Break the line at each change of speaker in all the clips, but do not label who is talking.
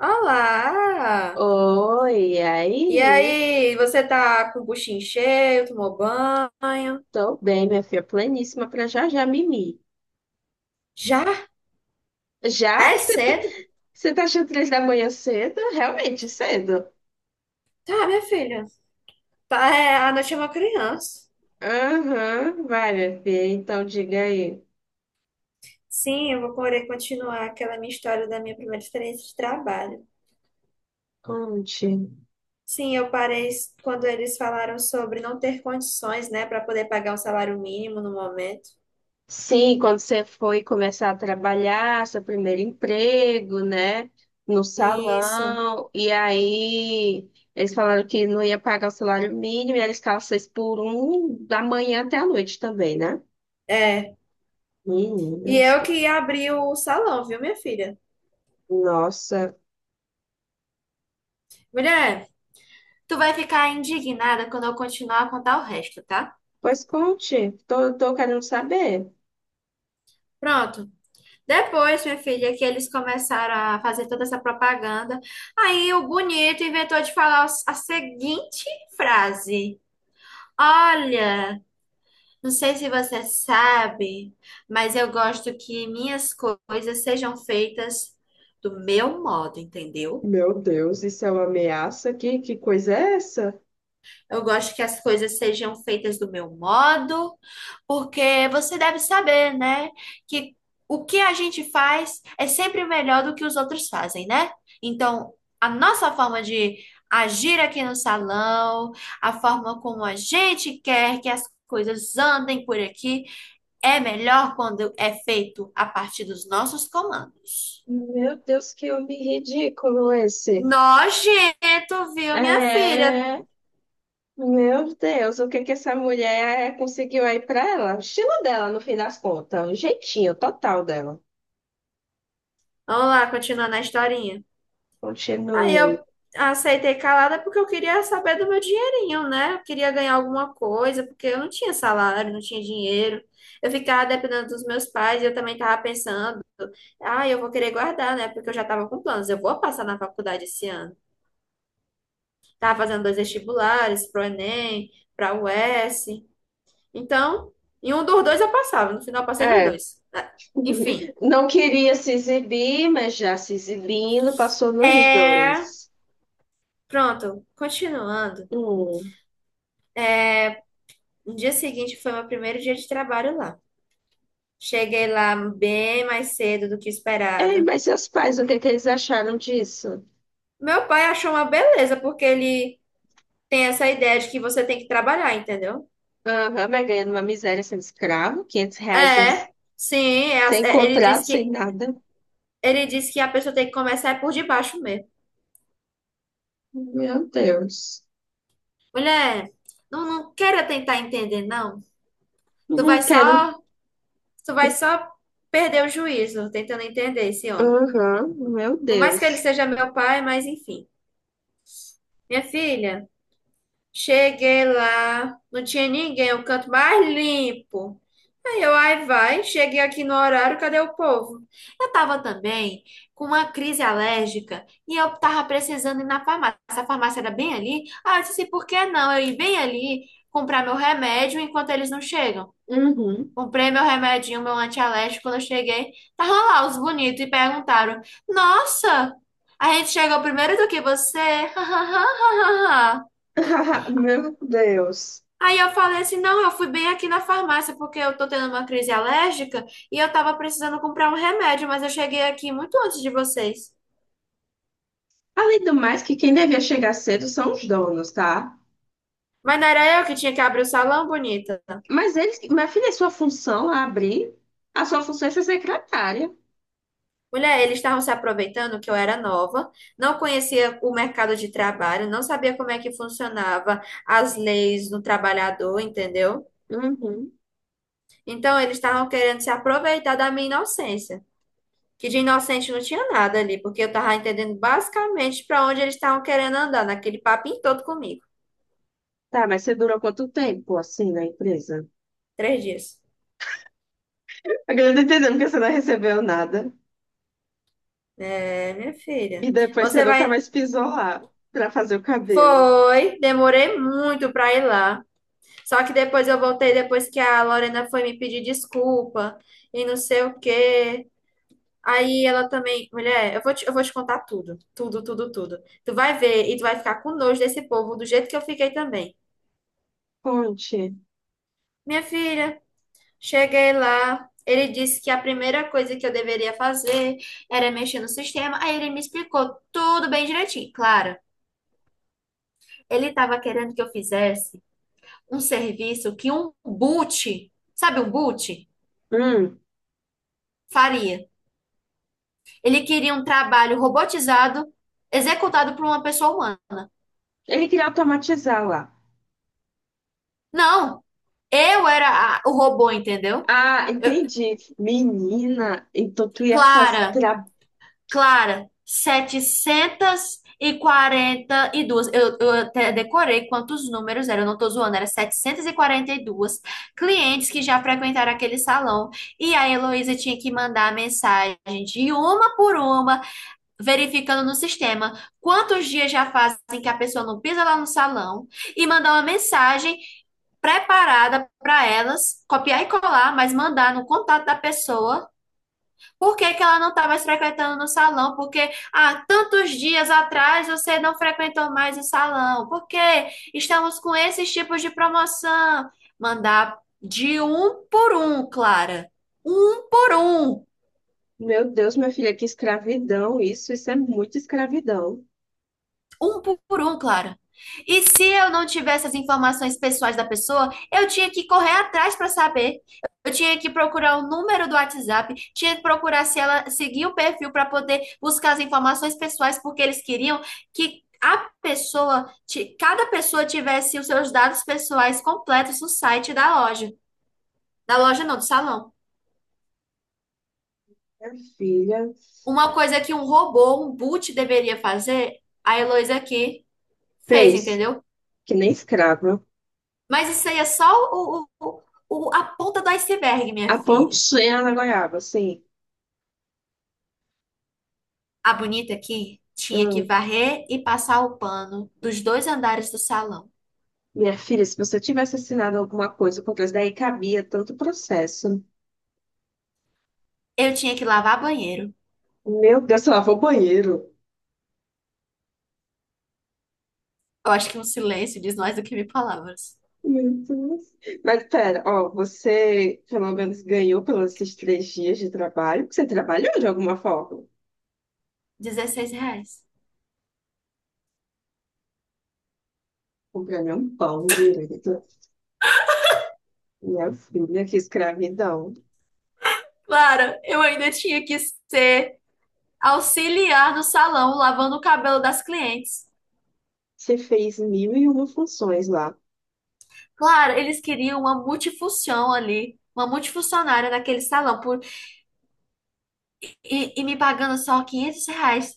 Olá!
Oi, e
E
aí?
aí, você tá com o buchinho cheio, tomou banho?
Tô bem, minha filha, pleníssima pra já já mimi.
Já?
Já?
É cedo?
Você tá achando 3 da manhã cedo? Realmente cedo.
Tá, minha filha. Tá, é, a noite é uma criança.
Aham, vai, minha filha, então diga aí.
Sim, eu vou poder continuar aquela minha história da minha primeira experiência de trabalho.
Conte.
Sim, eu parei quando eles falaram sobre não ter condições, né, para poder pagar um salário mínimo no momento.
Sim, quando você foi começar a trabalhar, seu primeiro emprego, né? No
Isso,
salão, e aí eles falaram que não ia pagar o salário mínimo, e eles ficavam 6 por 1 da manhã até a noite também, né?
é. E
Meninas.
eu que abri o salão, viu, minha filha?
Nossa,
Mulher. Tu vai ficar indignada quando eu continuar a contar o resto, tá?
pois conte, tô querendo saber.
Pronto. Depois, minha filha, que eles começaram a fazer toda essa propaganda, aí o bonito inventou de falar a seguinte frase: Olha, não sei se você sabe, mas eu gosto que minhas coisas sejam feitas do meu modo, entendeu?
Meu Deus, isso é uma ameaça aqui? Que coisa é essa?
Eu gosto que as coisas sejam feitas do meu modo. Porque você deve saber, né, que o que a gente faz é sempre melhor do que os outros fazem, né? Então, a nossa forma de agir aqui no salão, a forma como a gente quer que as coisas andem por aqui, é melhor quando é feito a partir dos nossos comandos.
Meu Deus, que homem ridículo esse.
Nojento, viu, minha filha?
É, meu Deus, o que que essa mulher conseguiu aí pra ela? O estilo dela, no fim das contas, o jeitinho total dela.
Vamos lá, continuando a historinha. Aí
Continue.
eu aceitei calada porque eu queria saber do meu dinheirinho, né? Eu queria ganhar alguma coisa, porque eu não tinha salário, não tinha dinheiro. Eu ficava dependendo dos meus pais e eu também estava pensando, ah, eu vou querer guardar, né? Porque eu já estava com planos, eu vou passar na faculdade esse ano. Tava fazendo dois vestibulares, pro Enem, pra UES. Então, em um dos dois eu passava, no final eu passei nos
É,
dois. Ah, enfim,
não queria se exibir, mas já se exibindo, passou nos
é...
dois.
pronto, continuando.
Hum.
No dia seguinte foi meu primeiro dia de trabalho lá. Cheguei lá bem mais cedo do que
Ei,
esperado.
mas seus pais, o que que eles acharam disso?
Meu pai achou uma beleza, porque ele tem essa ideia de que você tem que trabalhar, entendeu?
Aham, mas ganhando uma miséria sendo escravo, R$ 500 sem
É, sim,
sem
ele
contrato,
disse
sem
que
nada.
a pessoa tem que começar é por debaixo mesmo.
Meu Deus.
Mulher, não, não queira tentar entender, não. Tu
Não
vai
quero.
só, tu vai só perder o juízo tentando entender esse homem.
Aham, meu
Por mais que ele
Deus.
seja meu pai, mas enfim. Minha filha. Cheguei lá, não tinha ninguém, o canto mais limpo. Aí eu, ai vai, cheguei aqui no horário, cadê o povo? Eu tava também com uma crise alérgica e eu tava precisando ir na farmácia. A farmácia era bem ali. Ah, eu disse, por que não eu ir bem ali comprar meu remédio enquanto eles não chegam?
Uhum.
Comprei meu remedinho, meu antialérgico. Quando eu cheguei, tava lá os bonitos e perguntaram: Nossa, a gente chegou primeiro do que você?
Meu Deus.
Aí eu falei assim, não, eu fui bem aqui na farmácia porque eu tô tendo uma crise alérgica e eu tava precisando comprar um remédio, mas eu cheguei aqui muito antes de vocês.
Além do mais, que quem devia chegar cedo são os donos, tá?
Mas não era eu que tinha que abrir o salão, bonita.
Mas eles, minha filha, é sua função é abrir, a sua função é ser secretária.
Mulher, eles estavam se aproveitando que eu era nova, não conhecia o mercado de trabalho, não sabia como é que funcionava as leis do trabalhador, entendeu?
Uhum.
Então eles estavam querendo se aproveitar da minha inocência. Que de inocente não tinha nada ali, porque eu tava entendendo basicamente para onde eles estavam querendo andar, naquele papinho todo comigo.
Tá, mas você durou quanto tempo assim na empresa?
Três dias.
Agora eu tô entendendo que você não recebeu nada.
É, minha
E
filha.
depois você
Você
nunca
vai.
mais pisou lá pra fazer o cabelo.
Foi, demorei muito para ir lá. Só que depois eu voltei depois que a Lorena foi me pedir desculpa e não sei o quê. Aí ela também, mulher, eu vou te contar tudo, tudo, tudo, tudo. Tu vai ver e tu vai ficar com nojo desse povo do jeito que eu fiquei também.
Conte.
Minha filha, cheguei lá, ele disse que a primeira coisa que eu deveria fazer era mexer no sistema. Aí ele me explicou tudo bem direitinho. Claro, ele estava querendo que eu fizesse um serviço que um boot, sabe um boot,
Hum,
faria. Ele queria um trabalho robotizado, executado por uma pessoa humana.
ele queria automatizar lá.
Não, eu era o robô, entendeu?
Ah,
Eu,
entendi. Menina, então tu ia fazer.
Clara,
Tra...
Clara, 742. Eu até decorei quantos números eram, eu não tô zoando, era 742 clientes que já frequentaram aquele salão. E a Heloísa tinha que mandar a mensagem de uma por uma, verificando no sistema quantos dias já fazem que a pessoa não pisa lá no salão, e mandar uma mensagem preparada para elas, copiar e colar, mas mandar no contato da pessoa por que que ela não está mais frequentando no salão? Porque há tantos dias atrás você não frequentou mais o salão. Por que estamos com esses tipos de promoção? Mandar de um por um, Clara. Um por um.
Meu Deus, minha filha, que escravidão isso. Isso é muito escravidão.
Um por um, Clara. E se eu não tivesse as informações pessoais da pessoa, eu tinha que correr atrás para saber. Eu tinha que procurar o número do WhatsApp, tinha que procurar se ela seguia o perfil para poder buscar as informações pessoais, porque eles queriam que a pessoa, cada pessoa tivesse os seus dados pessoais completos no site da loja. Da loja não, do salão.
Minha filha
Uma coisa que um robô, um boot deveria fazer, a Heloísa aqui fez,
fez,
entendeu?
que nem escrava,
Mas isso aí é só o, o- a ponta do iceberg, minha
a
filha.
pontinha na goiaba, assim.
A bonita aqui tinha que
Hum,
varrer e passar o pano dos dois andares do salão.
minha filha, se você tivesse assinado alguma coisa contra isso, daí cabia tanto processo.
Eu tinha que lavar banheiro.
Meu Deus, você lavou o banheiro.
Eu acho que um silêncio diz mais do que mil palavras.
Meu Deus. Mas pera, ó, você pelo menos ganhou pelos esses 3 dias de trabalho, porque você trabalhou de alguma forma.
R$ 16.
O prêmio é um pão direito. Minha filha, que escravidão.
Clara, eu ainda tinha que ser auxiliar no salão, lavando o cabelo das clientes.
Você fez mil e uma funções lá
Claro, eles queriam uma multifunção ali, uma multifuncionária naquele salão, e me pagando só R$ 500.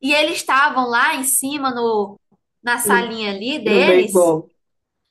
E eles estavam lá em cima no, na
no,
salinha ali
no Bem
deles,
Bom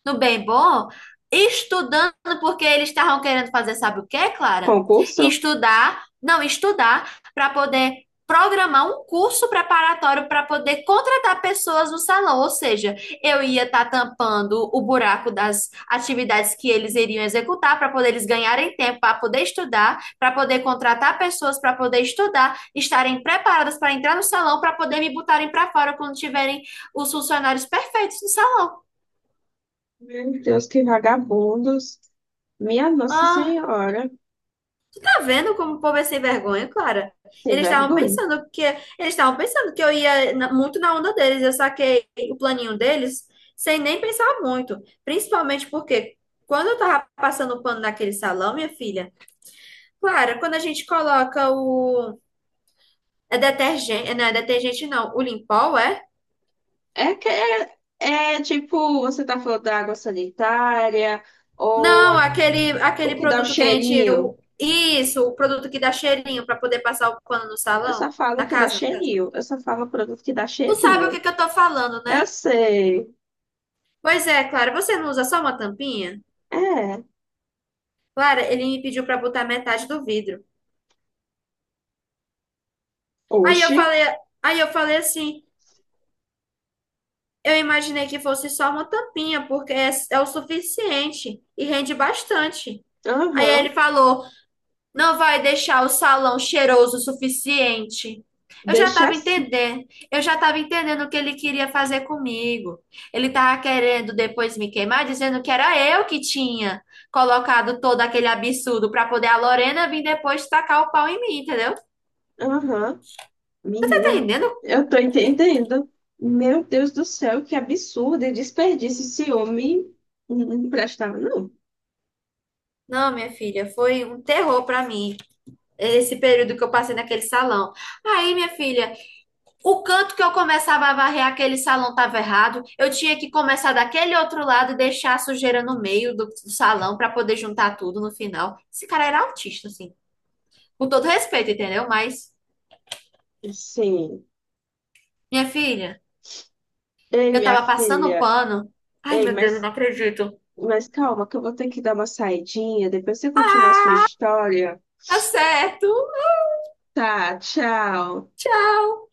no bem bom, estudando porque eles estavam querendo fazer, sabe o que, Clara?
concurso?
Estudar, não, estudar para poder programar um curso preparatório para poder contratar pessoas no salão, ou seja, eu ia estar tampando o buraco das atividades que eles iriam executar para poder eles ganharem tempo para poder estudar, para poder contratar pessoas para poder estudar, estarem preparadas para entrar no salão para poder me botarem para fora quando tiverem os funcionários perfeitos no salão.
Meu Deus, que vagabundos. Minha Nossa
Ah.
Senhora,
Tá vendo como o povo é sem vergonha, Clara?
sem vergonha.
Eles estavam pensando que eu ia muito na onda deles. Eu saquei o planinho deles sem nem pensar muito, principalmente porque quando eu tava passando o pano naquele salão, minha filha, Clara, quando a gente coloca o é detergente não, o Limpol é?
É que é, tipo, você tá falando da água sanitária ou
Não,
a-
aquele
o
aquele
que dá o
produto que a gente
cheirinho.
isso, o produto que dá cheirinho pra poder passar o pano no
Eu
salão,
só falo o
na
que dá
casa, no caso.
cheirinho. Eu só falo produto que dá
Tu sabe o que
cheirinho.
que eu tô falando,
Eu
né?
sei.
Pois é, Clara, você não usa só uma tampinha?
É.
Clara, ele me pediu para botar metade do vidro. Aí eu
Oxi.
falei, aí eu falei assim, eu imaginei que fosse só uma tampinha, porque é, é o suficiente e rende bastante. Aí ele
Aham.
falou, não vai deixar o salão cheiroso o suficiente. Eu já
Deixa
estava
assim.
entendendo. Eu já estava entendendo o que ele queria fazer comigo. Ele estava querendo depois me queimar, dizendo que era eu que tinha colocado todo aquele absurdo para poder a Lorena vir depois tacar o pau em mim, entendeu?
Aham.
Tá
Menina,
entendendo?
eu tô entendendo. Meu Deus do céu, que absurdo e desperdício esse homem não emprestava, não.
Não, minha filha, foi um terror para mim esse período que eu passei naquele salão. Aí, minha filha. O canto que eu começava a varrer aquele salão estava errado. Eu tinha que começar daquele outro lado e deixar a sujeira no meio do salão para poder juntar tudo no final. Esse cara era autista, assim. Com todo respeito, entendeu? Mas,
Sim.
minha filha,
Ei,
eu
minha
tava passando o
filha.
pano. Ai,
Ei,
meu Deus, eu não acredito.
mas calma, que eu vou ter que dar uma saidinha. Depois você continua a sua história.
Tá certo.
Tá, tchau.
Tchau.